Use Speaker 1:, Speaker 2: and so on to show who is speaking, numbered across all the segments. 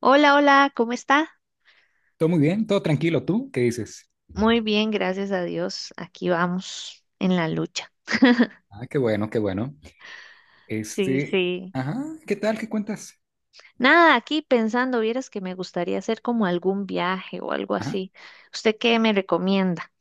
Speaker 1: Hola, hola, ¿cómo está?
Speaker 2: Todo muy bien, todo tranquilo. ¿Tú qué dices?
Speaker 1: Muy bien, gracias a Dios. Aquí vamos en la lucha.
Speaker 2: Ah, qué bueno, qué bueno.
Speaker 1: Sí,
Speaker 2: Este,
Speaker 1: sí.
Speaker 2: ajá, ¿qué tal? ¿Qué cuentas?
Speaker 1: Nada, aquí pensando, vieras que me gustaría hacer como algún viaje o algo
Speaker 2: Ajá.
Speaker 1: así. ¿Usted qué me recomienda?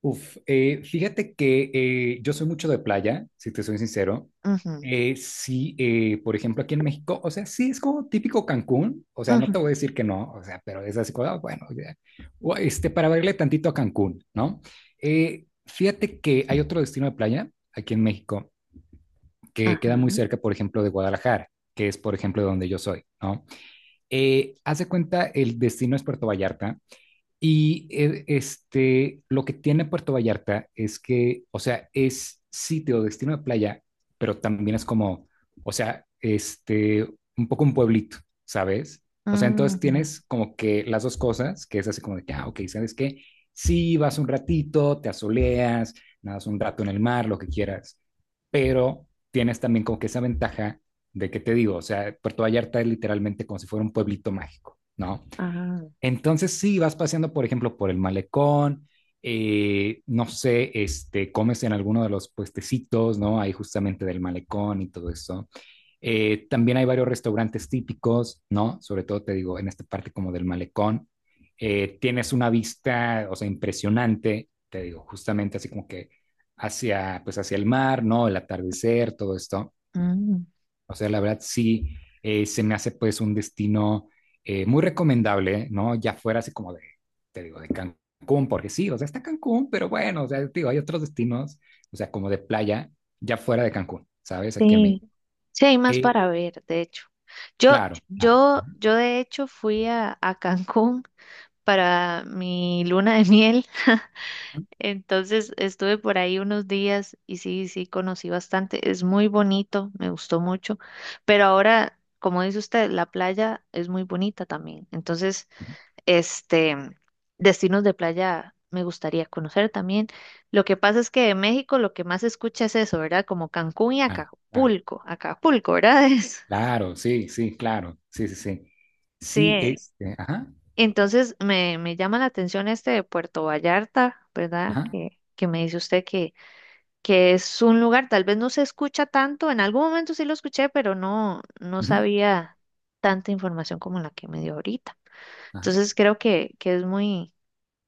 Speaker 2: Uf, fíjate que yo soy mucho de playa, si te soy sincero.
Speaker 1: Ujú,
Speaker 2: Sí, por ejemplo, aquí en México, o sea, sí es como típico Cancún, o sea, no te voy
Speaker 1: ujú,
Speaker 2: a decir que no, o sea, pero es así como, ah, bueno, ya, o, para verle tantito a Cancún, ¿no? Fíjate que hay otro destino de playa aquí en México que queda
Speaker 1: ajá,
Speaker 2: muy cerca, por ejemplo, de Guadalajara, que es, por ejemplo, de donde yo soy, ¿no? Haz de cuenta, el destino es Puerto Vallarta y lo que tiene Puerto Vallarta es que, o sea, es sitio, destino de playa, pero también es como, o sea, un poco un pueblito, ¿sabes? O sea, entonces
Speaker 1: ujú,
Speaker 2: tienes como que las dos cosas, que es así como de que, ah, ok, ¿sabes qué? Sí, vas un ratito, te asoleas, nadas un rato en el mar, lo que quieras, pero tienes también como que esa ventaja de que te digo, o sea, Puerto Vallarta es literalmente como si fuera un pueblito mágico, ¿no?
Speaker 1: ajá,
Speaker 2: Entonces sí, vas paseando, por ejemplo, por el malecón, no sé, comes en alguno de los puestecitos, ¿no? Ahí justamente del malecón y todo eso. También hay varios restaurantes típicos, ¿no? Sobre todo te digo, en esta parte como del malecón. Tienes una vista, o sea, impresionante, te digo, justamente así como que hacia, pues hacia el mar, ¿no? El atardecer, todo esto.
Speaker 1: mm,
Speaker 2: O sea, la verdad sí, se me hace pues un destino muy recomendable, ¿no? Ya fuera así como de, te digo, de Cancún, porque sí, o sea, está Cancún, pero bueno, o sea, te digo, hay otros destinos, o sea, como de playa, ya fuera de Cancún, ¿sabes? Aquí en
Speaker 1: sí.
Speaker 2: México.
Speaker 1: Sí, hay más
Speaker 2: Eh,
Speaker 1: para ver, de hecho. Yo,
Speaker 2: claro, claro.
Speaker 1: yo de hecho fui a Cancún para mi luna de miel. Entonces estuve por ahí unos días y sí, sí, conocí bastante. Es muy bonito, me gustó mucho. Pero ahora, como dice usted, la playa es muy bonita también. Entonces, este, destinos de playa me gustaría conocer también. Lo que pasa es que de México lo que más se escucha es eso, ¿verdad? Como Cancún y
Speaker 2: Claro, claro,
Speaker 1: Acapulco. Acapulco, ¿verdad? Es-
Speaker 2: claro, sí, sí, claro, sí, sí, sí. Sí,
Speaker 1: sí.
Speaker 2: ajá,
Speaker 1: Entonces me llama la atención este de Puerto Vallarta, ¿verdad?
Speaker 2: ajá,
Speaker 1: Que me dice usted que es un lugar, tal vez no se escucha tanto, en algún momento sí lo escuché, pero no, no
Speaker 2: ujú,
Speaker 1: sabía tanta información como la que me dio ahorita.
Speaker 2: ajá,
Speaker 1: Entonces creo que es muy,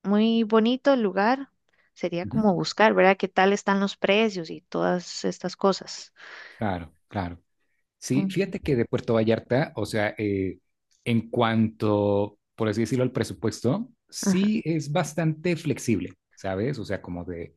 Speaker 1: muy bonito el lugar. Sería
Speaker 2: ujú,
Speaker 1: como buscar, ¿verdad? ¿Qué tal están los precios y todas estas cosas?
Speaker 2: claro, claro. Sí,
Speaker 1: Ujú,
Speaker 2: fíjate que de Puerto Vallarta, o sea, en cuanto, por así decirlo, al presupuesto,
Speaker 1: ajá,
Speaker 2: sí es bastante flexible, ¿sabes? O sea, como de,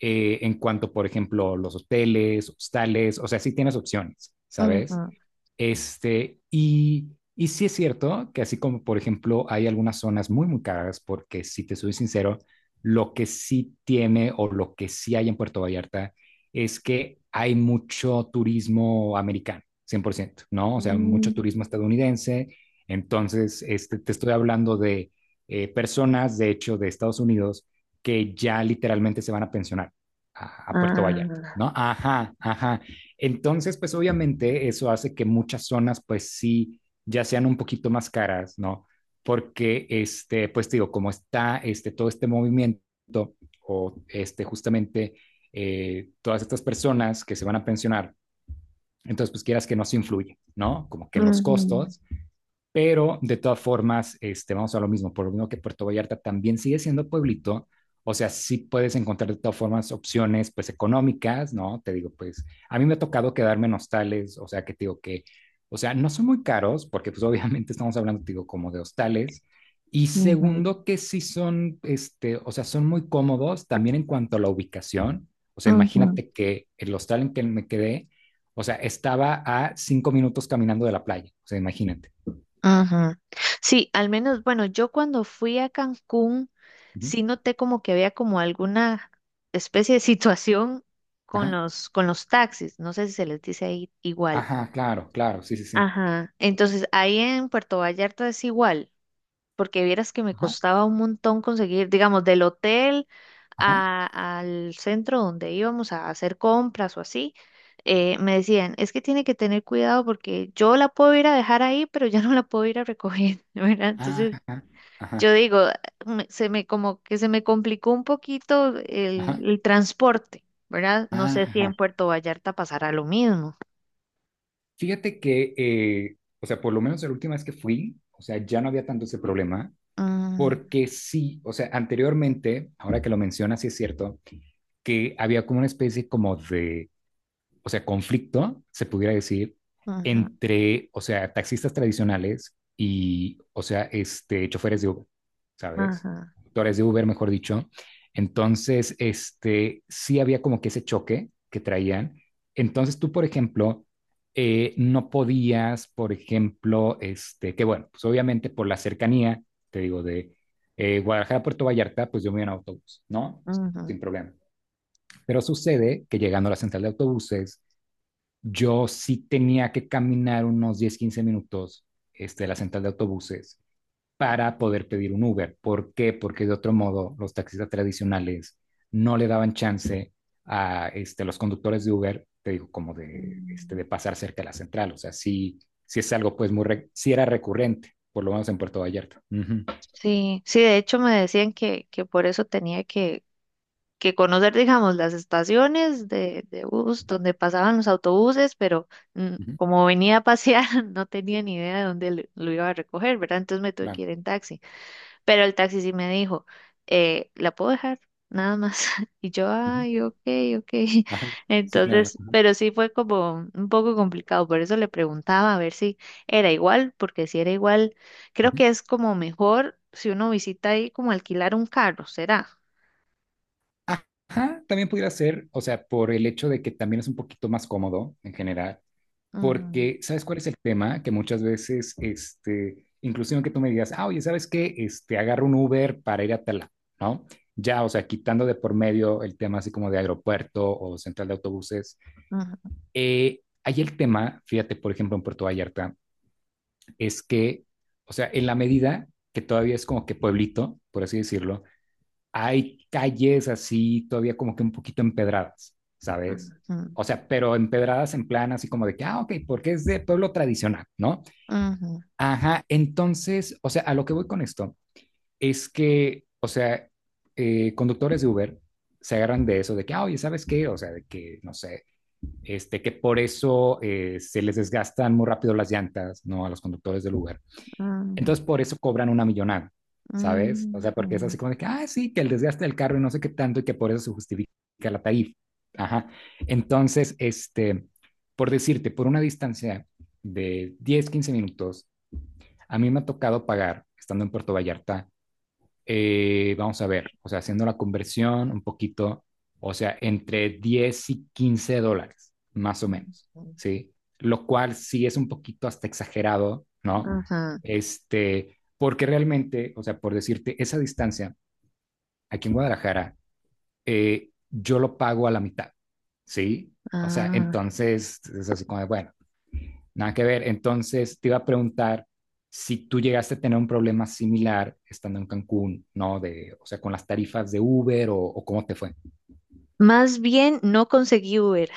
Speaker 2: en cuanto, por ejemplo, los hoteles, hostales, o sea, sí tienes opciones, ¿sabes?
Speaker 1: ujú,
Speaker 2: Este, y, y sí es cierto que así como, por ejemplo, hay algunas zonas muy, muy caras, porque si te soy sincero, lo que sí tiene o lo que sí hay en Puerto Vallarta es que hay mucho turismo americano, cien por ciento, ¿no? O sea,
Speaker 1: mm,
Speaker 2: mucho turismo estadounidense. Entonces, te estoy hablando de personas, de hecho, de Estados Unidos, que ya literalmente se van a pensionar a Puerto Vallarta,
Speaker 1: ah,
Speaker 2: ¿no? Ajá, ajá. Entonces, pues obviamente eso hace que muchas zonas, pues sí, ya sean un poquito más caras, ¿no? Porque, pues digo, como está todo este movimiento o justamente todas estas personas que se van a pensionar, entonces, pues quieras que no se influye, ¿no? Como que en los
Speaker 1: ujú,
Speaker 2: costos, pero de todas formas, vamos a lo mismo, por lo mismo que Puerto Vallarta también sigue siendo pueblito, o sea, sí puedes encontrar de todas formas opciones pues económicas, ¿no? Te digo, pues a mí me ha tocado quedarme en hostales, o sea, que te digo que, o sea, no son muy caros, porque pues obviamente estamos hablando, te digo, como de hostales. Y
Speaker 1: ujú,
Speaker 2: segundo, que sí son, o sea, son muy cómodos también en cuanto a la ubicación. O sea,
Speaker 1: ujú,
Speaker 2: imagínate que el hostal en que me quedé, o sea, estaba a 5 minutos caminando de la playa, o sea, imagínate.
Speaker 1: ujú. Sí, al menos, bueno, yo cuando fui a Cancún,
Speaker 2: Ujú.
Speaker 1: sí noté como que había como alguna especie de situación con
Speaker 2: Ajá,
Speaker 1: con los taxis. No sé si se les dice ahí igual.
Speaker 2: ajá, claro, claro, sí, sí, sí.
Speaker 1: Ajá. Entonces, ahí en Puerto Vallarta es igual porque vieras que me
Speaker 2: Ajá,
Speaker 1: costaba un montón conseguir, digamos, del hotel
Speaker 2: ajá,
Speaker 1: al centro donde íbamos a hacer compras o así, me decían, es que tiene que tener cuidado porque yo la puedo ir a dejar ahí, pero ya no la puedo ir a recoger, ¿verdad? Entonces,
Speaker 2: ajá,
Speaker 1: yo
Speaker 2: ajá,
Speaker 1: digo, se me como que se me complicó un poquito
Speaker 2: ajá,
Speaker 1: el transporte, ¿verdad? No sé
Speaker 2: ajá,
Speaker 1: si
Speaker 2: ajá.
Speaker 1: en Puerto Vallarta pasará lo mismo.
Speaker 2: Fíjate que, o sea, por lo menos la última vez que fui, o sea, ya no había tanto ese problema,
Speaker 1: Mm,
Speaker 2: porque sí, o sea, anteriormente, ahora que lo mencionas, sí es cierto, que había como una especie como de, o sea, conflicto, se pudiera decir,
Speaker 1: ujú,
Speaker 2: entre, o sea, taxistas tradicionales y, o sea, choferes de Uber, ¿sabes?
Speaker 1: ajá,
Speaker 2: Conductores de Uber, mejor dicho. Entonces, sí había como que ese choque que traían. Entonces, tú, por ejemplo, no podías, por ejemplo, que bueno, pues obviamente por la cercanía, te digo, de Guadalajara a Puerto Vallarta, pues yo me iba en autobús, ¿no?
Speaker 1: ujú,
Speaker 2: Sin problema. Pero sucede que llegando a la central de autobuses, yo sí tenía que caminar unos 10 15 minutos, de la central de autobuses para poder pedir un Uber. ¿Por qué? Porque de otro modo los taxistas tradicionales no le daban chance a los conductores de Uber, te digo, como de, este,
Speaker 1: mm.
Speaker 2: de pasar cerca de la central. O sea, sí, sí es algo, pues, muy, re sí era recurrente, por lo menos en Puerto Vallarta. Uh -huh,
Speaker 1: Sí, sí, de hecho me decían que por eso tenía que conocer, digamos, las estaciones de bus donde pasaban los autobuses, pero mm,
Speaker 2: uh -huh,
Speaker 1: como venía a pasear, no tenía ni idea de dónde lo iba a recoger, ¿verdad? Entonces me tuve que
Speaker 2: claro,
Speaker 1: ir en taxi. Pero el taxi sí me dijo, ¿la puedo dejar? Nada más. Y yo,
Speaker 2: uh -huh,
Speaker 1: ay, ok, ok.
Speaker 2: ajá, sí, claro.
Speaker 1: Entonces,
Speaker 2: Ujú,
Speaker 1: pero sí fue como un poco complicado, por eso le preguntaba a ver si era igual, porque si era igual, creo
Speaker 2: ujú.
Speaker 1: que es como mejor si uno visita ahí como alquilar un carro, ¿será?
Speaker 2: Ajá, también pudiera ser, o sea, por el hecho de que también es un poquito más cómodo en general.
Speaker 1: Ujú,
Speaker 2: Porque, ¿sabes cuál es el tema? Que muchas veces, inclusive que tú me digas, ah, oye, ¿sabes qué? Agarro un Uber para ir a tal, lado", ¿no? Ya, o sea, quitando de por medio el tema así como de aeropuerto o central de autobuses.
Speaker 1: ujú,
Speaker 2: Ahí el tema, fíjate, por ejemplo, en Puerto Vallarta, es que, o sea, en la medida que todavía es como que pueblito, por así decirlo, hay calles así todavía como que un poquito empedradas, ¿sabes?
Speaker 1: ujú,
Speaker 2: O sea, pero empedradas en plan así como de que, ah, ok, porque es de pueblo tradicional, ¿no?
Speaker 1: ujú,
Speaker 2: Ajá, entonces, o sea, a lo que voy con esto es que, o sea, conductores de Uber se agarran de eso, de que, ah, oye, ¿sabes qué? O sea, de que, no sé, que por eso se les desgastan muy rápido las llantas, ¿no? A los conductores del Uber,
Speaker 1: ujú,
Speaker 2: entonces, por eso cobran una millonada, ¿sabes?
Speaker 1: ujú,
Speaker 2: O sea, porque es
Speaker 1: ujú,
Speaker 2: así como de que, ah, sí, que el desgaste del carro y no sé qué tanto y que por eso se justifica la tarifa. Ajá. Entonces, por decirte, por una distancia de 10 15 minutos, a mí me ha tocado pagar, estando en Puerto Vallarta, vamos a ver, o sea, haciendo la conversión un poquito, o sea, entre $10 y $15, más o menos,
Speaker 1: ujú.
Speaker 2: ¿sí? Lo cual sí es un poquito hasta exagerado, ¿no?
Speaker 1: Ajá,
Speaker 2: Porque realmente, o sea, por decirte, esa distancia aquí en Guadalajara, yo lo pago a la mitad, ¿sí? O sea,
Speaker 1: ah,
Speaker 2: entonces es así como, de, bueno, nada que ver. Entonces, te iba a preguntar si tú llegaste a tener un problema similar estando en Cancún, ¿no? De, o sea, con las tarifas de Uber o cómo te fue
Speaker 1: más bien no conseguí Uber.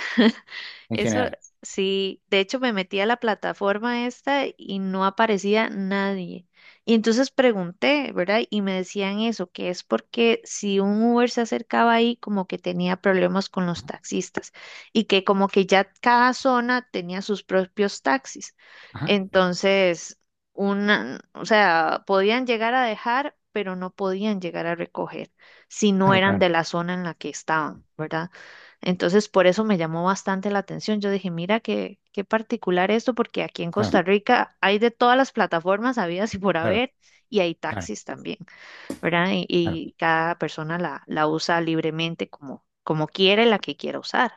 Speaker 2: en
Speaker 1: Eso
Speaker 2: general.
Speaker 1: sí, de hecho me metí a la plataforma esta y no aparecía nadie. Y entonces pregunté, ¿verdad? Y me decían eso, que es porque si un Uber se acercaba ahí, como que tenía problemas con los taxistas y que como que ya cada zona tenía sus propios taxis.
Speaker 2: Ajá,
Speaker 1: Entonces, una, o sea, podían llegar a dejar, pero no podían llegar a recoger si no
Speaker 2: claro,
Speaker 1: eran
Speaker 2: claro,
Speaker 1: de la zona en la que estaban, ¿verdad? Entonces, por eso me llamó bastante la atención. Yo dije, mira, qué, qué particular esto, porque aquí en
Speaker 2: claro,
Speaker 1: Costa Rica hay de todas las plataformas habidas y por
Speaker 2: claro,
Speaker 1: haber, y hay
Speaker 2: claro,
Speaker 1: taxis también, ¿verdad? Y,
Speaker 2: claro.
Speaker 1: y cada persona la usa libremente como, como quiere, la que quiera usar.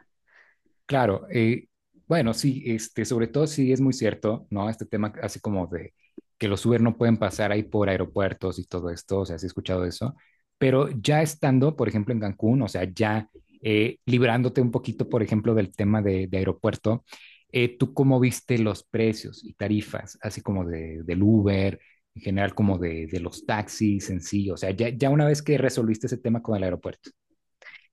Speaker 2: Claro, bueno, sí, sobre todo sí es muy cierto, ¿no? Este tema así como de que los Uber no pueden pasar ahí por aeropuertos y todo esto, o sea, sí he escuchado eso, pero ya estando, por ejemplo, en Cancún, o sea, ya librándote un poquito, por ejemplo, del tema de aeropuerto, ¿tú cómo viste los precios y tarifas, así como de, del Uber, en general como de los taxis en sí? O sea, ya, ya una vez que resolviste ese tema con el aeropuerto.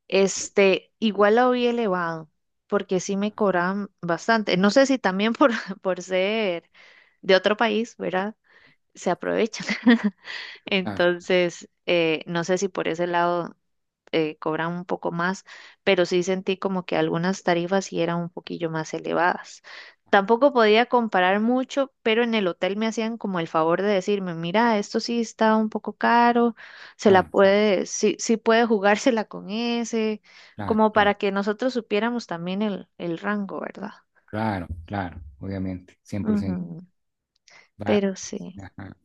Speaker 1: Este, igual lo vi elevado, porque sí me cobraban bastante. No sé si también por, por ser de otro país, ¿verdad? Se aprovechan.
Speaker 2: Claro,
Speaker 1: Entonces, no sé si por ese lado cobran un poco más, pero sí sentí como que algunas tarifas sí eran un poquillo más elevadas. Tampoco podía comparar mucho, pero en el hotel me hacían como el favor de decirme, mira, esto sí está un poco caro, se la
Speaker 2: claro, claro,
Speaker 1: puede, sí, sí puede jugársela con ese,
Speaker 2: claro,
Speaker 1: como para
Speaker 2: claro.
Speaker 1: que nosotros supiéramos también el rango, ¿verdad?
Speaker 2: Claro, claro, obviamente, 100%.
Speaker 1: Ujú,
Speaker 2: Va.
Speaker 1: pero sí,
Speaker 2: Ajá.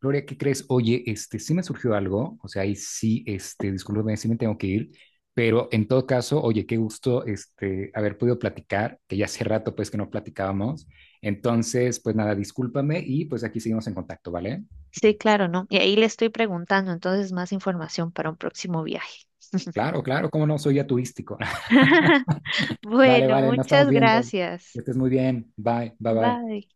Speaker 2: Gloria, ¿qué crees? Oye, sí me surgió algo, o sea, ahí sí, discúlpame, sí me tengo que ir, pero en todo caso, oye, qué gusto, haber podido platicar, que ya hace rato, pues, que no platicábamos. Entonces, pues nada, discúlpame y pues aquí seguimos en contacto, ¿vale?
Speaker 1: sí, claro, ¿no? Y ahí le estoy preguntando, entonces más información para un próximo viaje.
Speaker 2: Claro, claro, cómo no, soy ya turístico. Vale,
Speaker 1: Bueno,
Speaker 2: vale, nos estamos
Speaker 1: muchas
Speaker 2: viendo.
Speaker 1: gracias.
Speaker 2: Que estés muy bien. Bye, bye, bye.
Speaker 1: Bye.